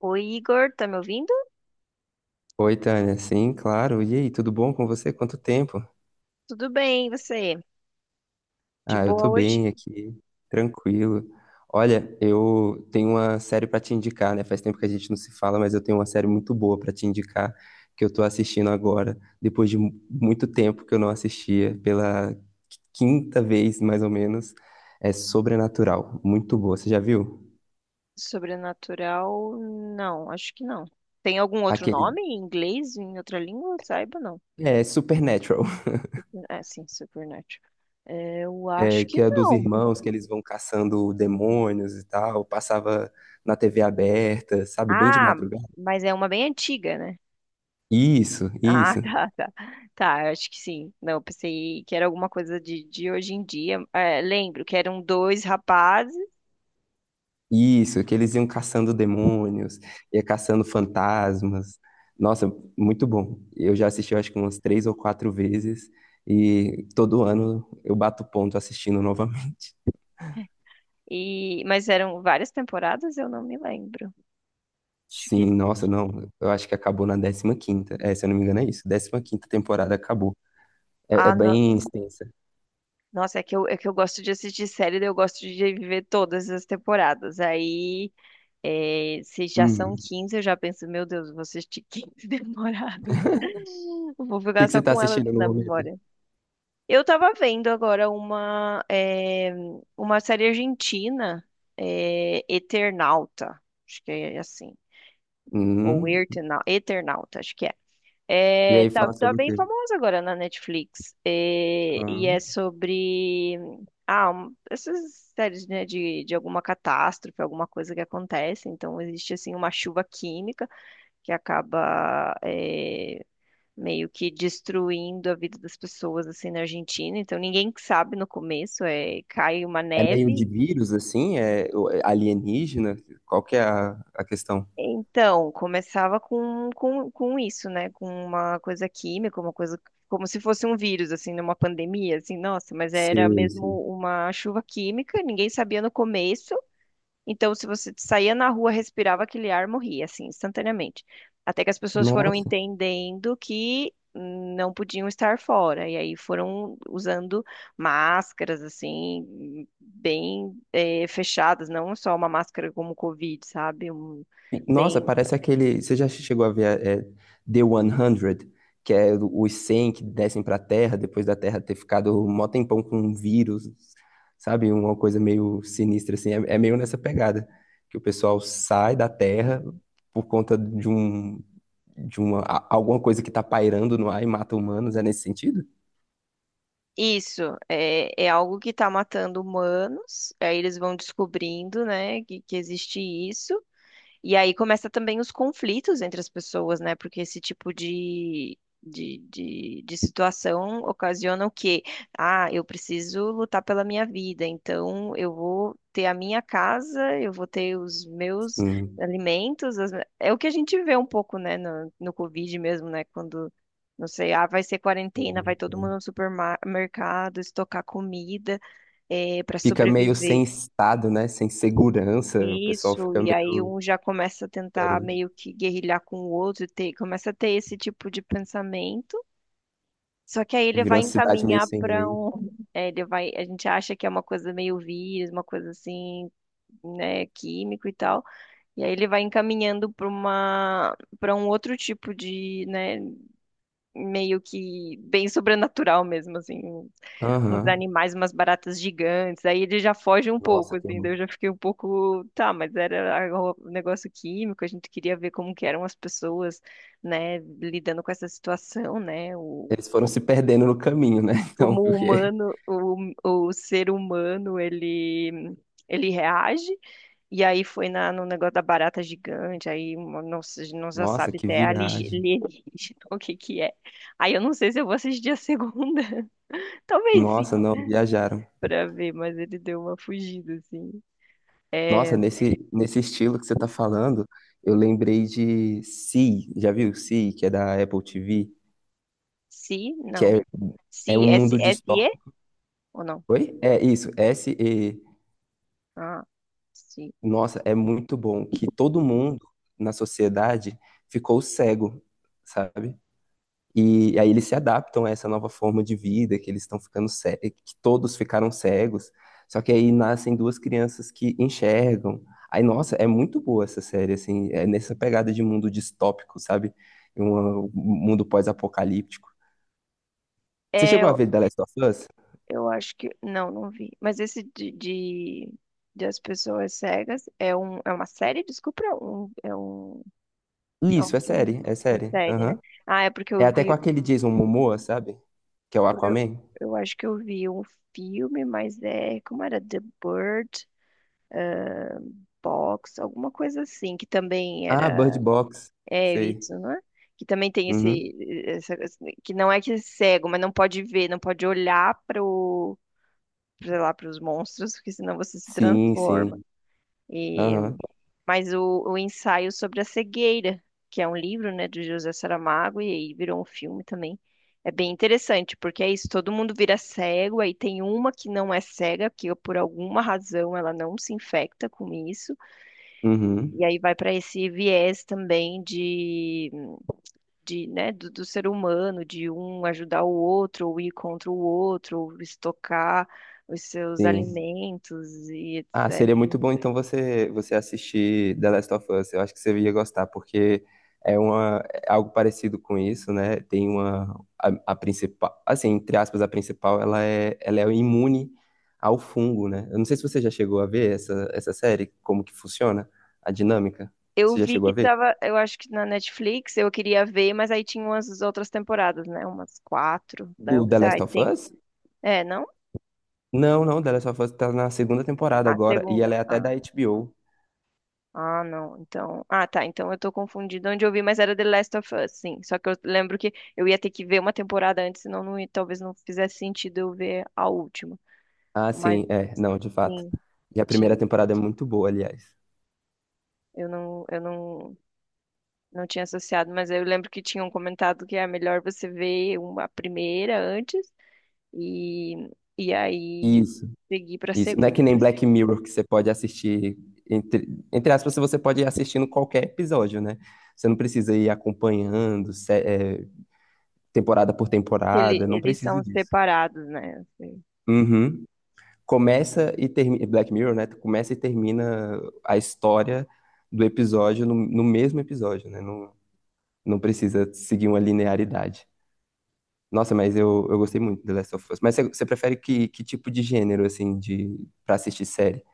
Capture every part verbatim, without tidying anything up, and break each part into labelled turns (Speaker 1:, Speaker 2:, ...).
Speaker 1: Oi, Igor, tá me ouvindo?
Speaker 2: Oi, Tânia. Sim, claro. E aí, tudo bom com você? Quanto tempo?
Speaker 1: Tudo bem, e você? De
Speaker 2: Ah, eu
Speaker 1: boa
Speaker 2: tô
Speaker 1: hoje?
Speaker 2: bem aqui, tranquilo. Olha, eu tenho uma série pra te indicar, né? Faz tempo que a gente não se fala, mas eu tenho uma série muito boa pra te indicar que eu tô assistindo agora, depois de mu- muito tempo que eu não assistia, pela quinta vez mais ou menos. É Sobrenatural, muito boa. Você já viu?
Speaker 1: Sobrenatural? Não, acho que não. Tem algum outro
Speaker 2: Aquele
Speaker 1: nome em inglês, em outra língua? Saiba, não.
Speaker 2: é Supernatural.
Speaker 1: É, sim, Supernatural. É, eu acho
Speaker 2: É,
Speaker 1: que
Speaker 2: que é dos
Speaker 1: não.
Speaker 2: irmãos que eles vão caçando demônios e tal, passava na T V aberta, sabe, bem de
Speaker 1: Ah,
Speaker 2: madrugada.
Speaker 1: mas é uma bem antiga, né?
Speaker 2: Isso,
Speaker 1: Ah,
Speaker 2: isso,
Speaker 1: tá, tá. Tá, eu acho que sim. Não, eu pensei que era alguma coisa de, de hoje em dia. É, lembro que eram dois rapazes,
Speaker 2: isso, que eles iam caçando demônios, ia caçando fantasmas. Nossa, muito bom. Eu já assisti, eu acho que umas três ou quatro vezes, e todo ano eu bato ponto assistindo novamente.
Speaker 1: e mas eram várias temporadas, eu não me lembro. Acho
Speaker 2: Sim,
Speaker 1: que.
Speaker 2: nossa, não. Eu acho que acabou na décima quinta. É, se eu não me engano, é isso. Décima quinta temporada acabou. É, é
Speaker 1: Ah, não.
Speaker 2: bem extensa.
Speaker 1: Nossa, é que eu, é que eu gosto de assistir série, daí eu gosto de viver todas as temporadas. Aí, é, se já são
Speaker 2: Uhum. O
Speaker 1: quinze eu já penso, meu Deus, vou assistir quinze temporadas. Eu vou
Speaker 2: que
Speaker 1: ficar
Speaker 2: que você
Speaker 1: só
Speaker 2: está
Speaker 1: com ela
Speaker 2: assistindo no
Speaker 1: na
Speaker 2: momento?
Speaker 1: memória. Eu tava vendo agora uma, é, uma série argentina, é, Eternauta. Acho que é assim. Ou
Speaker 2: Hum.
Speaker 1: Eternauta, Eternauta, acho que é.
Speaker 2: E
Speaker 1: É,
Speaker 2: aí
Speaker 1: tá,
Speaker 2: fala
Speaker 1: tá
Speaker 2: sobre o
Speaker 1: bem
Speaker 2: quê?
Speaker 1: famosa agora na Netflix. É, e é
Speaker 2: Ah.
Speaker 1: sobre ah, um- essas séries, né, de, de alguma catástrofe, alguma coisa que acontece. Então existe assim uma chuva química que acaba é, meio que destruindo a vida das pessoas assim na Argentina. Então ninguém sabe no começo, é, cai uma
Speaker 2: É meio de
Speaker 1: neve.
Speaker 2: vírus, assim? É o- é alienígena? Qual que é a, a questão?
Speaker 1: Então, começava com, com, com isso, né? Com uma coisa química, uma coisa como se fosse um vírus, assim, numa pandemia, assim, nossa, mas era
Speaker 2: Sim,
Speaker 1: mesmo
Speaker 2: sim.
Speaker 1: uma chuva química, ninguém sabia no começo. Então, se você saía na rua, respirava aquele ar, morria, assim, instantaneamente. Até que as pessoas foram
Speaker 2: Nossa,
Speaker 1: entendendo que hum, não podiam estar fora, e aí foram usando máscaras, assim, bem eh, fechadas, não só uma máscara como o Covid, sabe? Um-
Speaker 2: Nossa,
Speaker 1: bem.
Speaker 2: parece aquele. Você já chegou a ver é, é, The cem, que é os cem que descem para a Terra depois da Terra ter ficado um mó tempão com um vírus, sabe? Uma coisa meio sinistra, assim. É, é meio nessa pegada, que o pessoal sai da Terra por conta de um. De uma, a- alguma coisa que tá pairando no ar e mata humanos, é nesse sentido?
Speaker 1: Isso é, é algo que está matando humanos. Aí eles vão descobrindo, né, que, que existe isso. E aí começa também os conflitos entre as pessoas, né? Porque esse tipo de, de, de, de situação ocasiona o quê? Ah, eu preciso lutar pela minha vida, então eu vou ter a minha casa, eu vou ter os meus
Speaker 2: Sim,
Speaker 1: alimentos. As É o que a gente vê um pouco, né, no, no Covid mesmo, né? Quando, não sei, ah, vai ser quarentena, vai
Speaker 2: sim,
Speaker 1: todo mundo
Speaker 2: sim.
Speaker 1: no supermercado estocar comida, para
Speaker 2: Fica meio sem
Speaker 1: sobreviver.
Speaker 2: estado, né? Sem segurança, o pessoal
Speaker 1: Isso,
Speaker 2: fica
Speaker 1: e aí
Speaker 2: meio
Speaker 1: um já começa a tentar
Speaker 2: diferente.
Speaker 1: meio que guerrilhar com o outro, e ter, começa a ter esse tipo de pensamento. Só que aí ele
Speaker 2: Virou
Speaker 1: vai
Speaker 2: uma cidade meio
Speaker 1: encaminhar
Speaker 2: sem
Speaker 1: para
Speaker 2: lei.
Speaker 1: um, é, ele vai, a gente acha que é uma coisa meio vírus, uma coisa assim, né, químico e tal. E aí ele vai encaminhando para uma, para um outro tipo de, né, meio que bem sobrenatural mesmo, assim, um- uns
Speaker 2: Aham.
Speaker 1: animais, umas baratas gigantes. Aí ele já foge um
Speaker 2: Nossa,
Speaker 1: pouco,
Speaker 2: que
Speaker 1: assim,
Speaker 2: horror.
Speaker 1: daí eu já fiquei um pouco, tá, mas era a- um negócio químico, a gente queria ver como que eram as pessoas, né, lidando com essa situação, né?
Speaker 2: Eles foram se perdendo no caminho, né? Então,
Speaker 1: Como o
Speaker 2: porque.
Speaker 1: humano, o, o ser humano, ele, ele reage. E aí foi na, no negócio da barata gigante, aí uma- não, se- não já
Speaker 2: Nossa,
Speaker 1: sabe
Speaker 2: que
Speaker 1: se é aligi-
Speaker 2: viagem.
Speaker 1: alienígena, o que que é. Aí eu não sei se eu vou assistir a segunda. Talvez
Speaker 2: Nossa,
Speaker 1: sim,
Speaker 2: não, viajaram.
Speaker 1: pra ver, mas ele deu uma fugida, assim.
Speaker 2: Nossa,
Speaker 1: É,
Speaker 2: nesse, nesse estilo que você tá falando, eu lembrei de Sea. Já viu Sea, que é da Apple T V?
Speaker 1: se,
Speaker 2: Que
Speaker 1: não.
Speaker 2: é, é
Speaker 1: Se,
Speaker 2: um
Speaker 1: S,
Speaker 2: mundo
Speaker 1: S, E
Speaker 2: distópico.
Speaker 1: ou não?
Speaker 2: Oi? É isso, S-E.
Speaker 1: Ah, sim.
Speaker 2: Nossa, é muito bom que todo mundo na sociedade ficou cego, sabe? E aí eles se adaptam a essa nova forma de vida, que eles estão ficando cegos que todos ficaram cegos. Só que aí nascem duas crianças que enxergam. Aí, nossa, é muito boa essa série, assim, é nessa pegada de mundo distópico, sabe? Um, um mundo pós-apocalíptico. Você chegou a ver The Last of Us?
Speaker 1: Eu acho que. Não, não vi. Mas esse de, de, de As Pessoas Cegas é, um, é uma série? Desculpa, é um, é um, é um
Speaker 2: Isso, é
Speaker 1: filme,
Speaker 2: série, é
Speaker 1: uma
Speaker 2: série.
Speaker 1: série, né?
Speaker 2: Aham.
Speaker 1: Ah, é porque
Speaker 2: É
Speaker 1: eu
Speaker 2: até com
Speaker 1: vi.
Speaker 2: aquele Jason Momoa, sabe? Que é o
Speaker 1: Porque eu,
Speaker 2: Aquaman.
Speaker 1: eu acho que eu vi um filme, mas é. Como era? The Bird Box, alguma coisa assim, que também
Speaker 2: Ah, Bird
Speaker 1: era.
Speaker 2: Box.
Speaker 1: É
Speaker 2: Sei.
Speaker 1: isso, não é? Que também tem
Speaker 2: Uhum.
Speaker 1: esse, essa- que não é que é cego, mas não pode ver, não pode olhar para o sei lá, para os monstros, porque senão você se
Speaker 2: Sim,
Speaker 1: transforma.
Speaker 2: sim.
Speaker 1: e
Speaker 2: Aham.
Speaker 1: Mas o, o ensaio sobre a cegueira, que é um livro, né, do José Saramago, e aí virou um filme também. É bem interessante, porque é isso, todo mundo vira cego, aí tem uma que não é cega, que por alguma razão ela não se infecta com isso, e
Speaker 2: Uhum.
Speaker 1: aí vai para esse viés também de, de, né, do, do ser humano, de um ajudar o outro, ou ir contra o outro, ou estocar os seus
Speaker 2: Sim.
Speaker 1: alimentos e
Speaker 2: Ah, seria
Speaker 1: etecétera.
Speaker 2: muito bom então você você assistir The Last of Us. Eu acho que você ia gostar, porque é uma é algo parecido com isso, né? Tem uma a, a principal, assim, entre aspas, a principal, ela é ela é imune ao fungo, né? Eu não sei se você já chegou a ver essa essa série, como que funciona a dinâmica.
Speaker 1: Eu
Speaker 2: Você já
Speaker 1: vi
Speaker 2: chegou a
Speaker 1: que
Speaker 2: ver?
Speaker 1: tava, eu acho que na Netflix eu queria ver, mas aí tinha umas outras temporadas, né? Umas quatro. Daí eu
Speaker 2: Do The
Speaker 1: pensei,
Speaker 2: Last
Speaker 1: ai,
Speaker 2: of
Speaker 1: tem.
Speaker 2: Us?
Speaker 1: É, não?
Speaker 2: Não, não, The Last of Us tá na segunda temporada
Speaker 1: Ah,
Speaker 2: agora e
Speaker 1: segunda.
Speaker 2: ela é até
Speaker 1: Ah,
Speaker 2: da H B O.
Speaker 1: ah, não. Então. Ah, tá. Então eu tô confundida onde eu vi, mas era The Last of Us, sim. Só que eu lembro que eu ia ter que ver uma temporada antes, senão não, ia- talvez não fizesse sentido eu ver a última.
Speaker 2: Ah,
Speaker 1: Mas
Speaker 2: sim, é, não, de fato.
Speaker 1: sim,
Speaker 2: E a primeira
Speaker 1: tinha.
Speaker 2: temporada é muito boa, aliás.
Speaker 1: Eu não, eu não, não tinha associado, mas eu lembro que tinham comentado que é melhor você ver uma primeira antes. E, e aí
Speaker 2: Isso.
Speaker 1: segui para
Speaker 2: Isso, não é que
Speaker 1: segunda.
Speaker 2: nem Black Mirror que você pode assistir, entre, entre aspas, você pode ir assistindo qualquer episódio, né? Você não precisa ir acompanhando, sé- é, temporada por
Speaker 1: Ele,
Speaker 2: temporada, não
Speaker 1: eles
Speaker 2: precisa
Speaker 1: são
Speaker 2: disso.
Speaker 1: separados, né? Assim.
Speaker 2: Uhum. Começa e termina, Black Mirror, né? Começa e termina a história do episódio no, no mesmo episódio, né? Não, não precisa seguir uma linearidade. Nossa, mas eu, eu gostei muito de The Last of Us. Mas você, você prefere que, que tipo de gênero, assim, de, pra assistir série?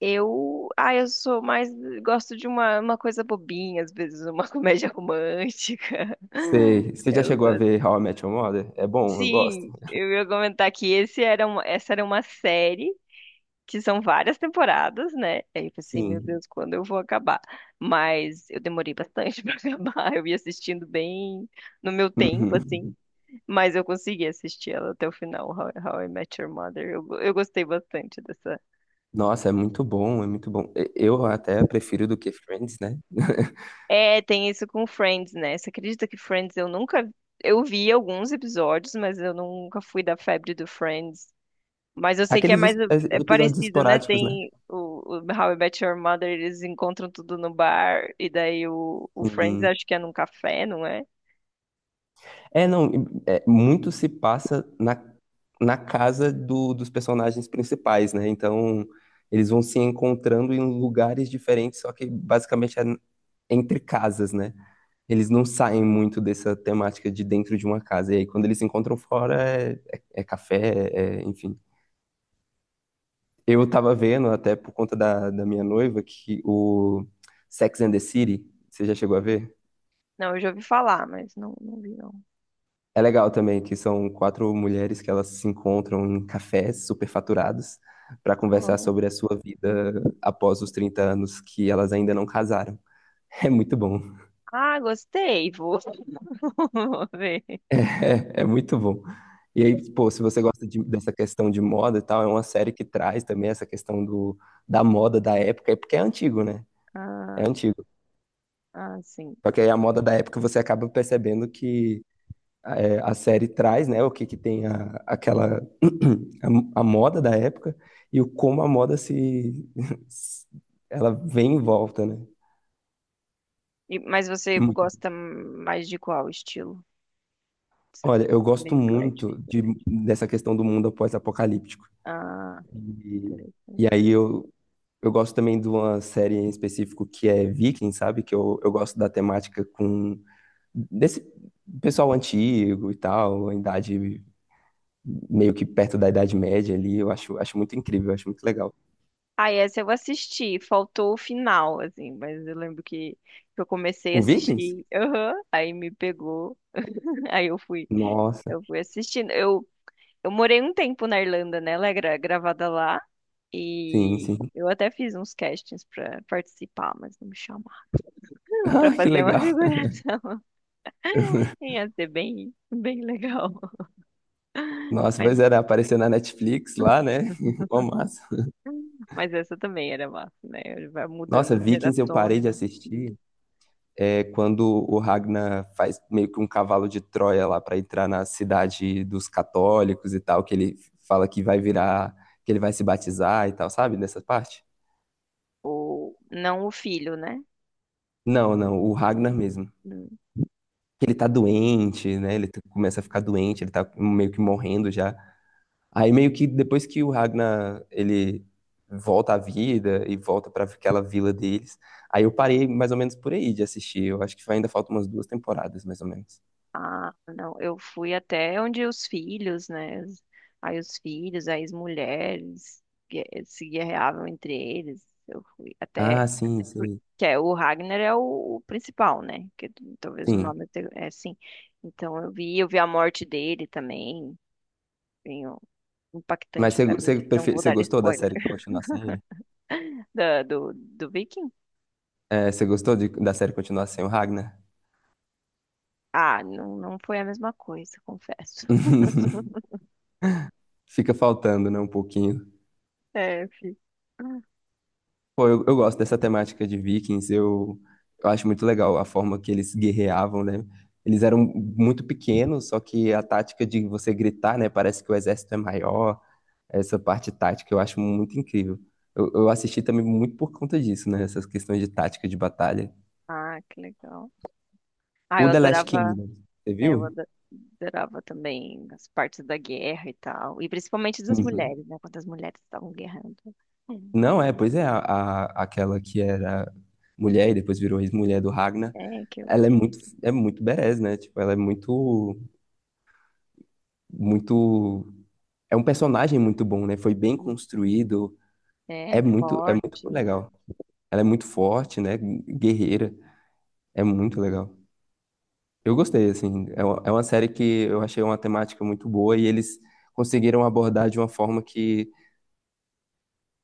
Speaker 1: Eu, ah, eu sou mais, gosto de uma, uma coisa bobinha, às vezes uma comédia romântica.
Speaker 2: Sei. Você já
Speaker 1: Eu
Speaker 2: chegou a
Speaker 1: gosto.
Speaker 2: ver How I Met Your Mother? É bom, eu gosto.
Speaker 1: Sim, eu ia comentar que esse era uma, essa era uma série que são várias temporadas, né? Aí eu pensei, meu
Speaker 2: Sim.
Speaker 1: Deus, quando eu vou acabar? Mas eu demorei bastante para acabar. Eu ia assistindo bem no meu tempo,
Speaker 2: Uhum.
Speaker 1: assim. Mas eu consegui assistir ela até o final, How, How I Met Your Mother. Eu, go- eu gostei bastante dessa.
Speaker 2: Nossa, é muito bom, é muito bom. E- Eu até prefiro do que Friends, né?
Speaker 1: É, tem isso com Friends, né? Você acredita que Friends eu nunca. Eu vi alguns episódios, mas eu nunca fui da febre do Friends. Mas eu sei que é
Speaker 2: Aqueles es-
Speaker 1: mais
Speaker 2: es-
Speaker 1: é
Speaker 2: episódios
Speaker 1: parecido, né?
Speaker 2: esporádicos, né?
Speaker 1: Tem o, o How I Met Your Mother, eles encontram tudo no bar, e daí o, o Friends
Speaker 2: Sim.
Speaker 1: acho que é num café, não é?
Speaker 2: É, não, é, muito se passa na, na casa do- dos personagens principais, né? Então, eles vão se encontrando em lugares diferentes, só que basicamente é entre casas, né? Eles não saem muito dessa temática de dentro de uma casa. E aí, quando eles se encontram fora, é, é- é café, é- enfim. Eu tava vendo, até por conta da, da minha noiva, que o Sex and the City, você já chegou a ver?
Speaker 1: Não, eu já ouvi falar, mas não, não vi,
Speaker 2: É legal também, que são quatro mulheres que elas se encontram em cafés superfaturados para conversar
Speaker 1: não.
Speaker 2: sobre a sua vida após os trinta anos que elas ainda não casaram. É muito bom.
Speaker 1: Ah, gostei, vou, vou ver.
Speaker 2: É, é muito bom. E aí, pô, se você gosta de- dessa questão de moda e tal, é uma série que traz também essa questão do, da moda da época, é porque é antigo, né?
Speaker 1: Ah.
Speaker 2: É antigo.
Speaker 1: Ah, sim.
Speaker 2: Só que aí a moda da época você acaba percebendo que é, a série traz, né, o que que tem a, aquela, a, a moda da época e o como a moda se, ela vem em volta, né?
Speaker 1: E- mas você
Speaker 2: É.
Speaker 1: gosta mais de qual estilo? Você- é
Speaker 2: Olha, eu gosto
Speaker 1: meio eclético.
Speaker 2: muito de, dessa questão do mundo após apocalíptico.
Speaker 1: Ah,
Speaker 2: E, e
Speaker 1: interessante.
Speaker 2: aí eu, Eu gosto também de uma série em específico que é Viking, sabe? Que eu, eu gosto da temática com desse pessoal antigo e tal, a idade meio que perto da Idade Média ali. Eu acho, acho muito incrível, eu acho muito legal.
Speaker 1: Ah, essa eu assisti. Faltou o final, assim. Mas eu lembro que, que eu comecei a
Speaker 2: O Vikings?
Speaker 1: assistir. Aham, aí me pegou. Aí eu fui,
Speaker 2: Nossa,
Speaker 1: eu fui assistindo. Eu, eu morei um tempo na Irlanda, né? Ela é gra- gravada lá.
Speaker 2: sim,
Speaker 1: E
Speaker 2: sim.
Speaker 1: eu até fiz uns castings pra participar, mas não me chamaram pra
Speaker 2: Ah, que
Speaker 1: fazer uma
Speaker 2: legal.
Speaker 1: figuração. Ia ser bem, bem legal.
Speaker 2: Nossa,
Speaker 1: Mas
Speaker 2: pois era, apareceu na Netflix lá, né? Uma massa.
Speaker 1: Mas essa também era massa, né? Ele vai mudando
Speaker 2: Nossa,
Speaker 1: as
Speaker 2: Vikings eu
Speaker 1: gerações,
Speaker 2: parei de
Speaker 1: o
Speaker 2: assistir.
Speaker 1: filho.
Speaker 2: É quando o Ragnar faz meio que um cavalo de Troia lá para entrar na cidade dos católicos e tal, que ele fala que vai virar, que ele vai se batizar e tal, sabe? Nessa parte?
Speaker 1: Ou não o filho, né?
Speaker 2: Não, não, o
Speaker 1: Não,
Speaker 2: Ragnar mesmo.
Speaker 1: não.
Speaker 2: Ele tá doente, né? Ele t- começa a ficar doente, ele tá meio que morrendo já. Aí meio que depois que o Ragnar ele volta à vida e volta para aquela vila deles, aí eu parei mais ou menos por aí de assistir. Eu acho que ainda faltam umas duas temporadas, mais ou menos.
Speaker 1: Ah, não. Eu fui até onde os filhos, né? Os- aí os filhos, aí as mulheres gue- se guerreavam entre eles. Eu fui até.
Speaker 2: Ah, sim,
Speaker 1: por-
Speaker 2: sim,
Speaker 1: Que é, o Ragnar é o, o principal, né? Que t- talvez o
Speaker 2: sim.
Speaker 1: nome te- é assim. Então eu vi, eu vi a morte dele também. Bem ó,
Speaker 2: Mas
Speaker 1: impactante
Speaker 2: você
Speaker 1: pra mim.
Speaker 2: você
Speaker 1: Não
Speaker 2: prefe-
Speaker 1: vou
Speaker 2: você
Speaker 1: dar
Speaker 2: gostou da
Speaker 1: spoiler.
Speaker 2: série continuar sem ele?
Speaker 1: Da- do, do Viking?
Speaker 2: É, você gostou de- da série continuar sem o Ragnar?
Speaker 1: Ah, não, não foi a mesma coisa, confesso.
Speaker 2: Fica faltando, né, um pouquinho.
Speaker 1: É, fi.
Speaker 2: Pô, eu, eu gosto dessa temática de Vikings, eu, eu acho muito legal a forma que eles guerreavam, né? Eles eram muito pequenos, só que a tática de você gritar, né, parece que o exército é maior, essa parte tática eu acho muito incrível. Eu, eu assisti também muito por conta disso, né, essas questões de tática de batalha.
Speaker 1: Ah, que legal. Ah,
Speaker 2: O
Speaker 1: eu
Speaker 2: The Last
Speaker 1: adorava,
Speaker 2: Kingdom, você
Speaker 1: é, eu
Speaker 2: viu?
Speaker 1: ado- adorava também as partes da guerra e tal. E principalmente das
Speaker 2: Uhum.
Speaker 1: mulheres, né? Quando as mulheres estavam guerrando.
Speaker 2: Não é, pois é, a, a- aquela que era mulher e depois virou ex-mulher do Ragnar,
Speaker 1: É, que eu.
Speaker 2: ela é muito, é muito badass, né? Tipo, ela é muito, muito, é um personagem muito bom, né? Foi bem construído, é
Speaker 1: É,
Speaker 2: muito, é muito
Speaker 1: forte.
Speaker 2: legal. Ela é muito forte, né? Guerreira, é muito legal. Eu gostei, assim, é uma é uma série que eu achei uma temática muito boa e eles conseguiram abordar de uma forma que,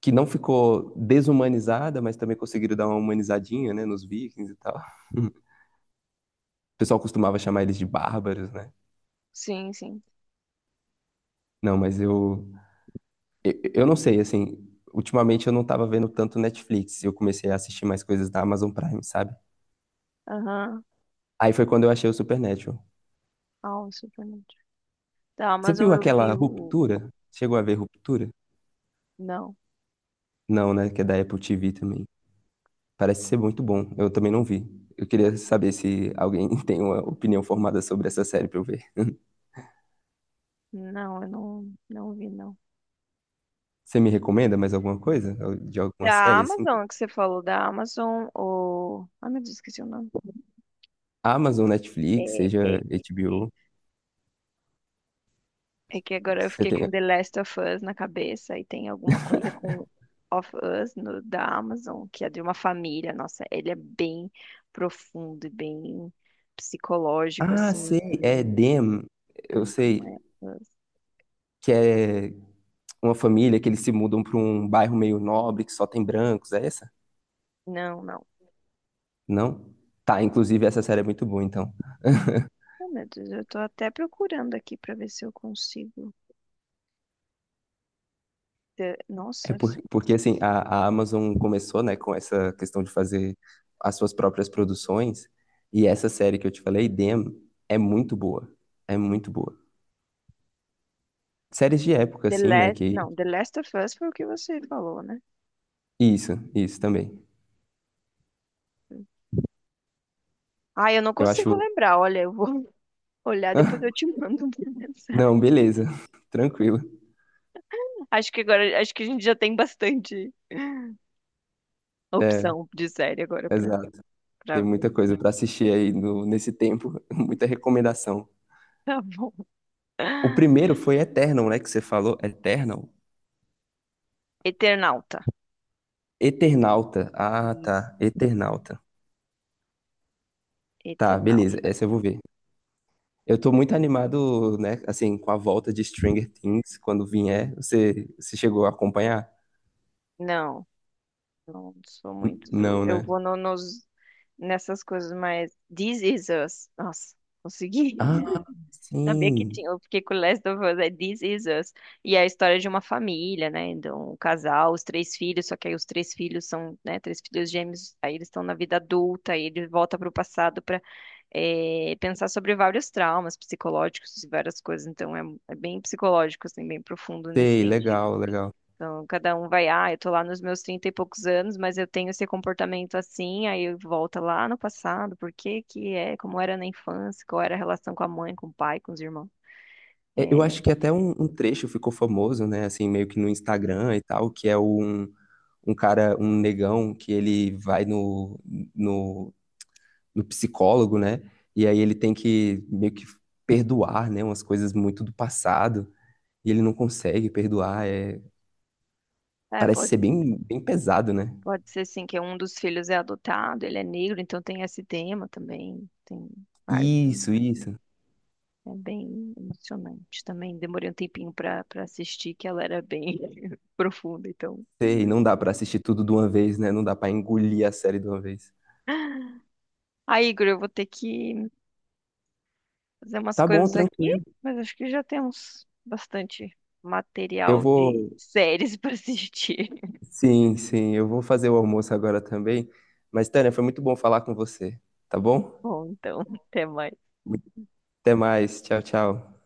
Speaker 2: que não ficou desumanizada, mas também conseguiram dar uma humanizadinha, né, nos Vikings e tal. O pessoal costumava chamar eles de bárbaros, né?
Speaker 1: Sim, sim.
Speaker 2: Não, mas eu, eu, eu não sei, assim, ultimamente eu não tava vendo tanto Netflix, eu comecei a assistir mais coisas da Amazon Prime, sabe?
Speaker 1: Aham.
Speaker 2: Aí foi quando eu achei o Supernatural.
Speaker 1: Ah, o Supernatural. Tá,
Speaker 2: Você
Speaker 1: mas
Speaker 2: viu
Speaker 1: eu vi
Speaker 2: aquela
Speaker 1: o.
Speaker 2: Ruptura? Chegou a ver Ruptura?
Speaker 1: Não.
Speaker 2: Não, né? Que é da Apple T V também. Parece ser muito bom. Eu também não vi. Eu queria saber se alguém tem uma opinião formada sobre essa série pra eu ver.
Speaker 1: Não, eu não, não vi, não.
Speaker 2: Você me recomenda mais alguma coisa? De alguma
Speaker 1: Da
Speaker 2: série, assim?
Speaker 1: Amazon, que você falou da Amazon, ou. Ai, meu Deus, esqueci o nome.
Speaker 2: Amazon, Netflix,
Speaker 1: É,
Speaker 2: seja
Speaker 1: é-
Speaker 2: H B O,
Speaker 1: é que agora
Speaker 2: que
Speaker 1: eu
Speaker 2: você
Speaker 1: fiquei
Speaker 2: tem.
Speaker 1: com The Last of Us na cabeça e tem alguma coisa com Of Us no, da Amazon, que é de uma família. Nossa, ele é bem profundo e bem psicológico,
Speaker 2: Ah,
Speaker 1: assim,
Speaker 2: sei, é
Speaker 1: também.
Speaker 2: Dem, eu
Speaker 1: Ai,
Speaker 2: sei,
Speaker 1: como é? Us.
Speaker 2: que é uma família que eles se mudam para um bairro meio nobre que só tem brancos, é essa?
Speaker 1: Não, não.
Speaker 2: Não? Tá, inclusive essa série é muito boa, então.
Speaker 1: Oh, meu Deus, eu tô até procurando aqui pra ver se eu consigo. The-
Speaker 2: É
Speaker 1: Nossa,
Speaker 2: por-
Speaker 1: se.
Speaker 2: porque assim, a, a Amazon começou, né, com essa questão de fazer as suas próprias produções, e essa série que eu te falei, Dem, é muito boa. É muito boa. Séries de época,
Speaker 1: The
Speaker 2: assim, né,
Speaker 1: Last.
Speaker 2: que...
Speaker 1: Não, The Last of Us foi o que você falou, né?
Speaker 2: Isso, isso também.
Speaker 1: Ai, eu não
Speaker 2: Eu
Speaker 1: consigo
Speaker 2: acho...
Speaker 1: lembrar. Olha, eu vou olhar, depois eu te mando uma mensagem.
Speaker 2: Não, beleza. Tranquilo.
Speaker 1: Acho que agora, acho que a gente já tem bastante
Speaker 2: É,
Speaker 1: opção de série agora pra,
Speaker 2: exato.
Speaker 1: pra
Speaker 2: Tem
Speaker 1: ver.
Speaker 2: muita coisa pra assistir aí no, nesse tempo, muita recomendação.
Speaker 1: Tá bom.
Speaker 2: O primeiro foi Eternal, né? Que você falou. Eternal?
Speaker 1: Eternauta.
Speaker 2: Eternauta. Ah,
Speaker 1: Isso.
Speaker 2: tá. Eternauta. Tá, beleza.
Speaker 1: Eternauta.
Speaker 2: Essa eu vou ver. Eu tô muito animado, né? Assim, com a volta de Stranger Things, quando vier. Você, você chegou a acompanhar?
Speaker 1: Não, não sou
Speaker 2: N-
Speaker 1: muito do.
Speaker 2: Não,
Speaker 1: Eu
Speaker 2: né?
Speaker 1: vou no- nos, nessas coisas mais. This is us. Nossa, consegui.
Speaker 2: Ah,
Speaker 1: Sabia que
Speaker 2: sim.
Speaker 1: tinha, eu fiquei com Last of Us, é This Is Us. E é a história de uma família, né? De um casal, os três filhos, só que aí os três filhos são, né, três filhos gêmeos, aí eles estão na vida adulta, aí ele volta para o passado para pensar sobre vários traumas psicológicos e várias coisas. Então é, é bem psicológico, assim, bem profundo nesse
Speaker 2: Sei,
Speaker 1: sentido.
Speaker 2: legal, legal.
Speaker 1: Então, cada um vai, ah, eu tô lá nos meus trinta e poucos anos, mas eu tenho esse comportamento assim, aí volta lá no passado, por que que é, como era na infância, qual era a relação com a mãe, com o pai, com os irmãos.
Speaker 2: É, eu
Speaker 1: É,
Speaker 2: acho que até um, um trecho ficou famoso, né? Assim, meio que no Instagram e tal, que é um, um cara, um negão, que ele vai no, no, no psicólogo, né? E aí ele tem que meio que perdoar, né? Umas coisas muito do passado. E ele não consegue perdoar. É...
Speaker 1: é,
Speaker 2: Parece
Speaker 1: pode,
Speaker 2: ser bem, bem pesado, né?
Speaker 1: pode ser sim que um dos filhos é adotado, ele é negro, então tem esse tema também. Tem vários, tem-
Speaker 2: Isso, isso.
Speaker 1: é bem emocionante também. Demorei um tempinho para para assistir, que ela era bem profunda, então.
Speaker 2: Sei, não dá pra assistir tudo de uma vez, né? Não dá pra engolir a série de uma vez.
Speaker 1: Aí, Igor, eu vou ter que fazer umas
Speaker 2: Tá bom,
Speaker 1: coisas aqui,
Speaker 2: tranquilo.
Speaker 1: mas acho que já temos bastante
Speaker 2: Eu
Speaker 1: material de
Speaker 2: vou.
Speaker 1: séries para assistir.
Speaker 2: Sim, sim, eu vou fazer o almoço agora também. Mas, Tânia, foi muito bom falar com você, tá bom?
Speaker 1: Bom, então, até mais.
Speaker 2: Até mais, tchau, tchau.